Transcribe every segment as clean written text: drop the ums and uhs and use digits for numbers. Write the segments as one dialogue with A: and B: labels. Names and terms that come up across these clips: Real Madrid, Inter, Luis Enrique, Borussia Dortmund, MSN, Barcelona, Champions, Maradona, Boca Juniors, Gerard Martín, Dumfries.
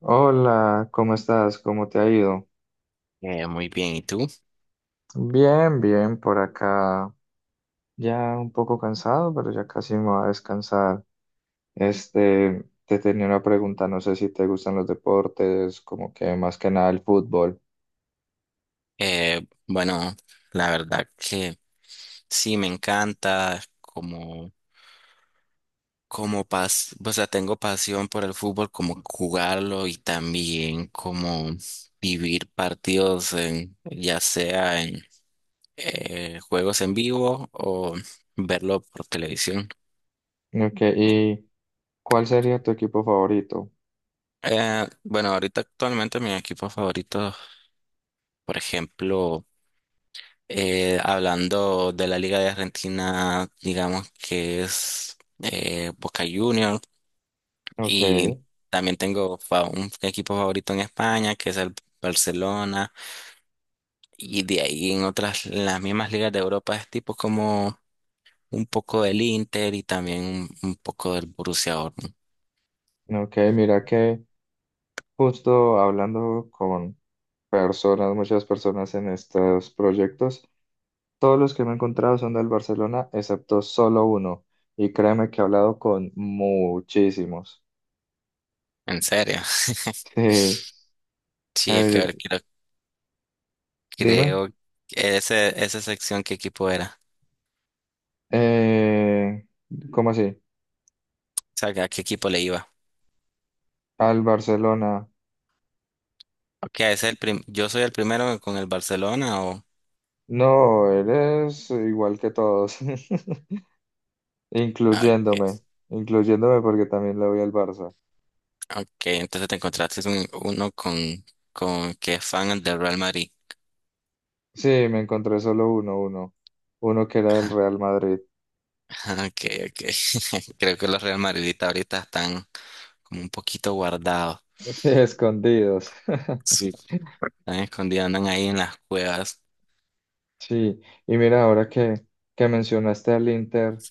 A: Hola, ¿cómo estás? ¿Cómo te ha ido?
B: Muy bien, ¿y tú?
A: Bien, bien, por acá. Ya un poco cansado, pero ya casi me voy a descansar. Este, te tenía una pregunta, no sé si te gustan los deportes, como que más que nada el fútbol.
B: Bueno, la verdad que sí, me encanta o sea, tengo pasión por el fútbol, como jugarlo y también como vivir partidos ya sea en juegos en vivo o verlo por televisión.
A: Ok, ¿y cuál sería tu equipo favorito?
B: Bueno, ahorita actualmente mi equipo favorito, por ejemplo, hablando de la Liga de Argentina, digamos que es Boca Juniors,
A: Ok,
B: y también tengo un equipo favorito en España que es el Barcelona, y de ahí en en las mismas ligas de Europa es tipo como un poco del Inter, y también un poco del Borussia Dortmund.
A: ok, mira que justo hablando con personas, muchas personas en estos proyectos. Todos los que me he encontrado son del Barcelona, excepto solo uno. Y créeme que he hablado con muchísimos.
B: ¿En serio?
A: Sí.
B: Sí,
A: A
B: es que
A: ver, dime.
B: creo que esa sección qué equipo era,
A: Eh, ¿Cómo así?
B: o sea, a qué equipo le iba.
A: Al Barcelona.
B: Ok, es el yo soy el primero con el Barcelona.
A: No, eres igual que todos,
B: Ah, okay,
A: incluyéndome, incluyéndome porque también le voy al Barça.
B: okay, entonces te encontraste uno con que es fan del Real Madrid.
A: Sí, me encontré solo uno, uno, uno que era del
B: Ajá,
A: Real Madrid,
B: ajá, okay, okay. Creo que los Real Madridistas ahorita están como un poquito guardados.
A: escondidos.
B: Sí. Están escondidos, andan ahí en las cuevas.
A: Sí, y mira, ahora que mencionaste al Inter.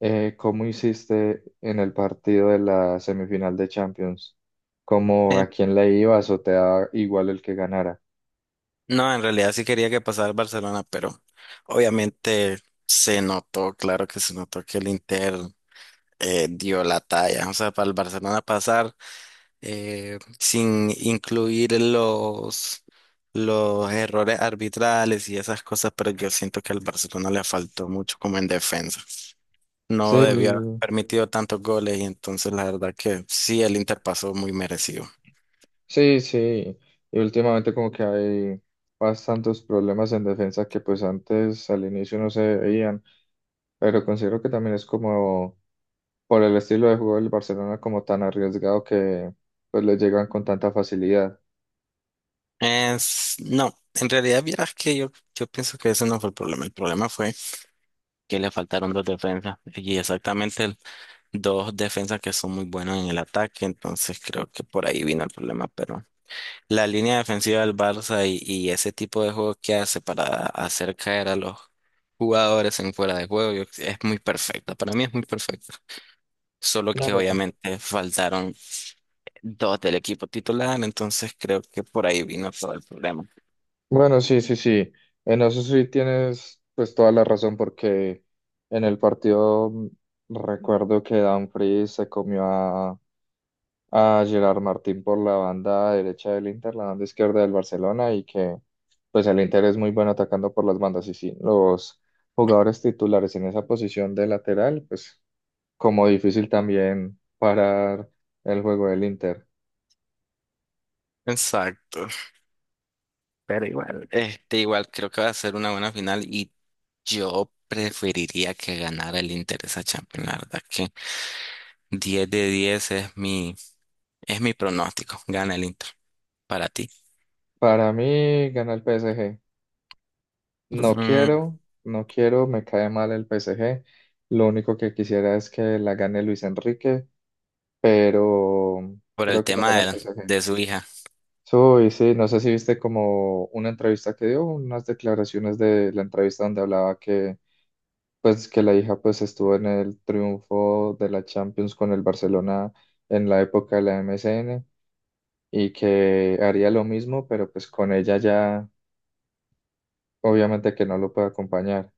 A: ¿Cómo hiciste en el partido de la semifinal de Champions? ¿Cómo
B: Eh,
A: a quién le ibas o te da igual el que ganara?
B: no, en realidad sí quería que pasara el Barcelona, pero obviamente se notó, claro que se notó que el Inter dio la talla. O sea, para el Barcelona pasar, sin incluir los errores arbitrales y esas cosas, pero yo siento que al Barcelona le faltó mucho como en defensa.
A: Sí,
B: No debió haber permitido tantos goles, y entonces la verdad que sí, el Inter pasó muy merecido.
A: sí, sí. Y últimamente como que hay bastantes problemas en defensa que pues antes al inicio no se veían, pero considero que también es como por el estilo de juego del Barcelona como tan arriesgado que pues le llegan con tanta facilidad.
B: No, en realidad vieras que yo pienso que ese no fue el problema. El problema fue que le faltaron dos defensas, y exactamente dos defensas que son muy buenos en el ataque, entonces creo que por ahí vino el problema, pero la línea defensiva del Barça y ese tipo de juego que hace para hacer caer a los jugadores en fuera de juego, es muy perfecta. Para mí es muy perfecta. Solo que
A: Claro.
B: obviamente faltaron dos del equipo titular, entonces creo que por ahí vino todo el problema.
A: Bueno, sí, sí, sí. En eso sí tienes pues toda la razón porque en el partido recuerdo que Dumfries se comió a Gerard Martín por la banda derecha del Inter, la banda izquierda del Barcelona y que pues el Inter es muy bueno atacando por las bandas y sí, los jugadores titulares en esa posición de lateral, pues como difícil también parar el juego del Inter.
B: Exacto. Pero igual, este, igual creo que va a ser una buena final, y yo preferiría que ganara el Inter esa Champions, la verdad que 10 de 10 es mi pronóstico, gana el Inter. Para ti.
A: Para mí gana el PSG. No
B: Mm,
A: quiero, no quiero, me cae mal el PSG. Lo único que quisiera es que la gane Luis Enrique, pero
B: por el
A: creo que la
B: tema
A: gana el PSG.
B: de su hija.
A: Uy, sí, no sé si viste como una entrevista que dio, unas declaraciones de la entrevista donde hablaba que pues que la hija pues estuvo en el triunfo de la Champions con el Barcelona en la época de la MSN y que haría lo mismo, pero pues con ella ya obviamente que no lo puede acompañar.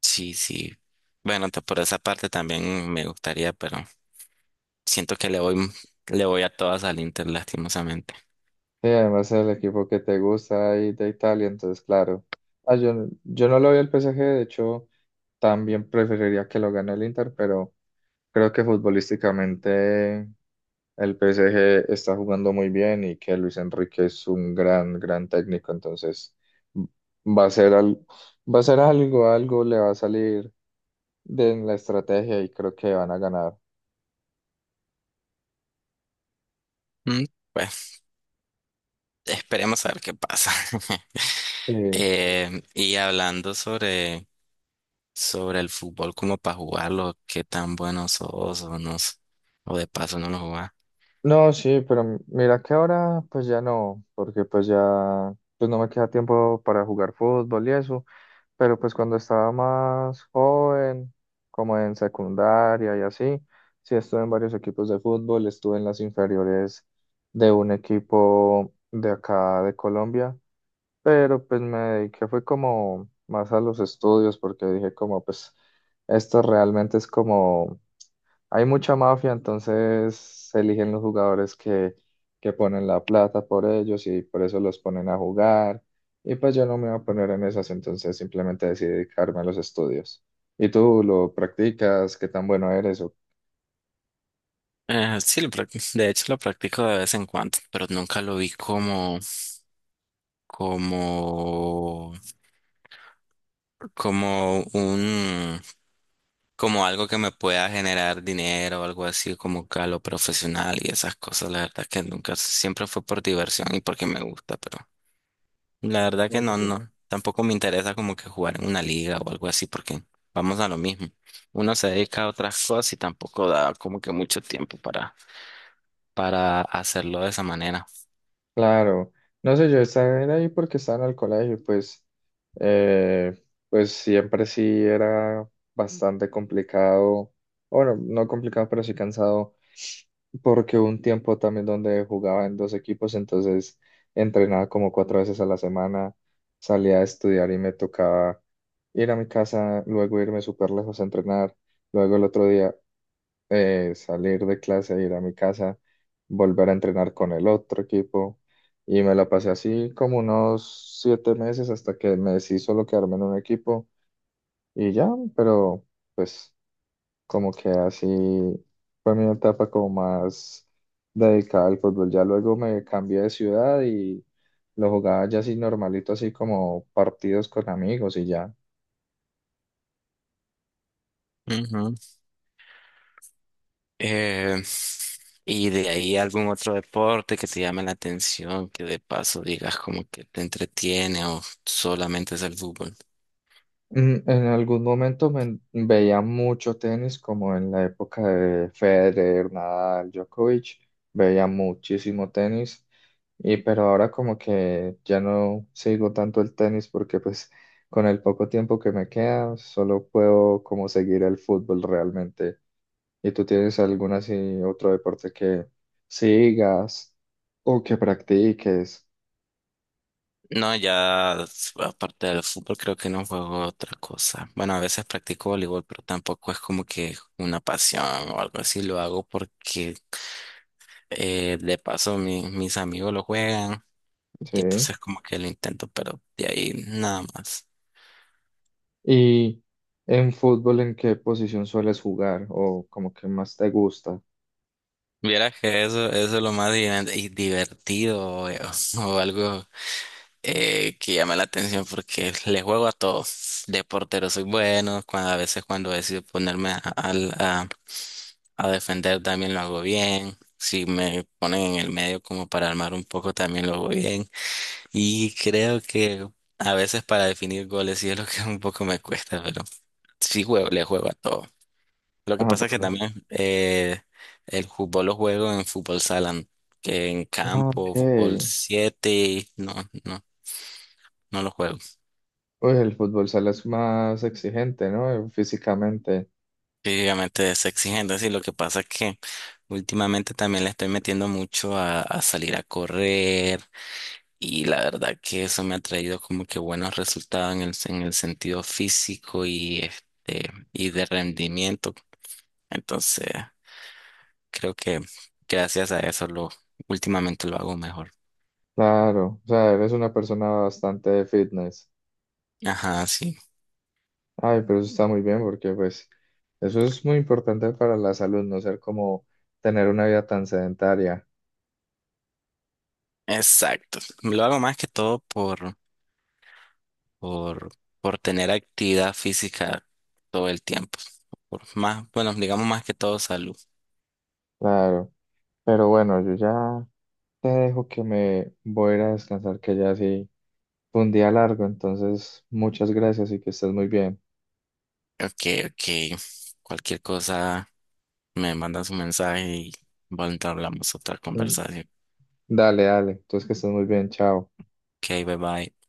B: Sí, sí. Bueno, por esa parte también me gustaría, pero siento que le voy a todas al Inter, lastimosamente.
A: Sí, además es el equipo que te gusta ahí de Italia, entonces claro. Ah, yo, yo no lo veo al PSG, de hecho, también preferiría que lo gane el Inter, pero creo que futbolísticamente el PSG está jugando muy bien y que Luis Enrique es un gran, gran técnico, entonces m- va a ser al, va a ser algo, algo le va a salir de en la estrategia y creo que van a ganar.
B: Mm, pues esperemos a ver qué pasa.
A: Sí.
B: Y hablando sobre el fútbol, como para jugarlo, qué tan bueno sos o no, o de paso no lo jugás.
A: No, sí, pero mira que ahora pues ya no, porque pues ya pues no me queda tiempo para jugar fútbol y eso, pero pues cuando estaba más joven, como en secundaria y así, sí estuve en varios equipos de fútbol, estuve en las inferiores de un equipo de acá de Colombia, pero pues me dediqué fue como más a los estudios porque dije como pues esto realmente es como hay mucha mafia, entonces se eligen los jugadores que ponen la plata por ellos y por eso los ponen a jugar. Y pues yo no me voy a poner en esas, entonces simplemente decidí dedicarme a los estudios. ¿Y tú lo practicas? ¿Qué tan bueno eres?
B: Sí, lo de hecho lo practico de vez en cuando, pero nunca lo vi como como como algo que me pueda generar dinero, algo así como que a lo profesional y esas cosas, la verdad que nunca, siempre fue por diversión y porque me gusta, pero la verdad que no,
A: Ok.
B: no, tampoco me interesa como que jugar en una liga o algo así porque vamos a lo mismo. Uno se dedica a otras cosas y tampoco da como que mucho tiempo para hacerlo de esa manera.
A: Claro, no sé, yo estaba en ahí porque estaba en el colegio, pues, eh, pues siempre sí era bastante complicado, bueno, no complicado, pero sí cansado porque hubo un tiempo también donde jugaba en dos equipos, entonces entrenaba como cuatro veces a la semana, salía a estudiar y me tocaba ir a mi casa, luego irme súper lejos a entrenar, luego el otro día salir de clase, ir a mi casa, volver a entrenar con el otro equipo. Y me la pasé así como unos 7 meses hasta que me decidí solo quedarme en un equipo y ya, pero pues como que así fue mi etapa como más dedicada al fútbol. Ya luego me cambié de ciudad y lo jugaba ya así normalito, así como partidos con amigos y ya.
B: Eh, y de ahí algún otro deporte que te llame la atención, que de paso digas como que te entretiene, o solamente es el fútbol.
A: En algún momento me veía mucho tenis, como en la época de Federer, Nadal, Djokovic, veía muchísimo tenis, y pero ahora como que ya no sigo tanto el tenis porque pues con el poco tiempo que me queda solo puedo como seguir el fútbol realmente. ¿Y tú tienes algún así otro deporte que sigas o que practiques?
B: No, ya aparte del fútbol creo que no juego otra cosa. Bueno, a veces practico voleibol, pero tampoco es como que una pasión o algo así. Lo hago porque de paso mis amigos lo juegan, y
A: Sí.
B: entonces como que lo intento, pero de ahí nada más.
A: Y en fútbol, ¿en qué posición sueles jugar o como que más te gusta?
B: Vieras que eso es lo más y divertido, o algo que llama la atención porque le juego a todo. De portero soy bueno, cuando, a veces cuando decido ponerme a defender también lo hago bien. Si me ponen en el medio como para armar un poco también lo hago bien. Y creo que a veces para definir goles sí es lo que un poco me cuesta, pero le juego a todo. Lo que
A: Ah,
B: pasa es que también el fútbol lo juego en fútbol salón, que en
A: ah, ok.
B: campo, fútbol 7, y no, no, no lo juego.
A: Pues el fútbol sala es más exigente, ¿no? Físicamente.
B: Físicamente es exigente, sí, lo que pasa es que últimamente también le estoy metiendo mucho a salir a correr, y la verdad que eso me ha traído como que buenos resultados en en el sentido físico y, este, y de rendimiento. Entonces, creo que gracias a eso últimamente lo hago mejor.
A: Claro, o sea, eres una persona bastante fitness.
B: Ajá, sí.
A: Ay, pero eso está muy bien porque pues eso es muy importante para la salud, no ser como tener una vida tan sedentaria.
B: Exacto. Lo hago más que todo por, por tener actividad física todo el tiempo. Por más, bueno, digamos más que todo salud.
A: Claro, pero bueno, yo ya te dejo que me voy a ir a descansar, que ya sí. Fue un día largo, entonces muchas gracias y que estés muy bien.
B: Ok, ok. Cualquier cosa, me mandas un mensaje y bueno, hablamos otra
A: Mm,
B: conversación.
A: Dale, dale, entonces que estés muy bien, chao.
B: Ok, bye bye.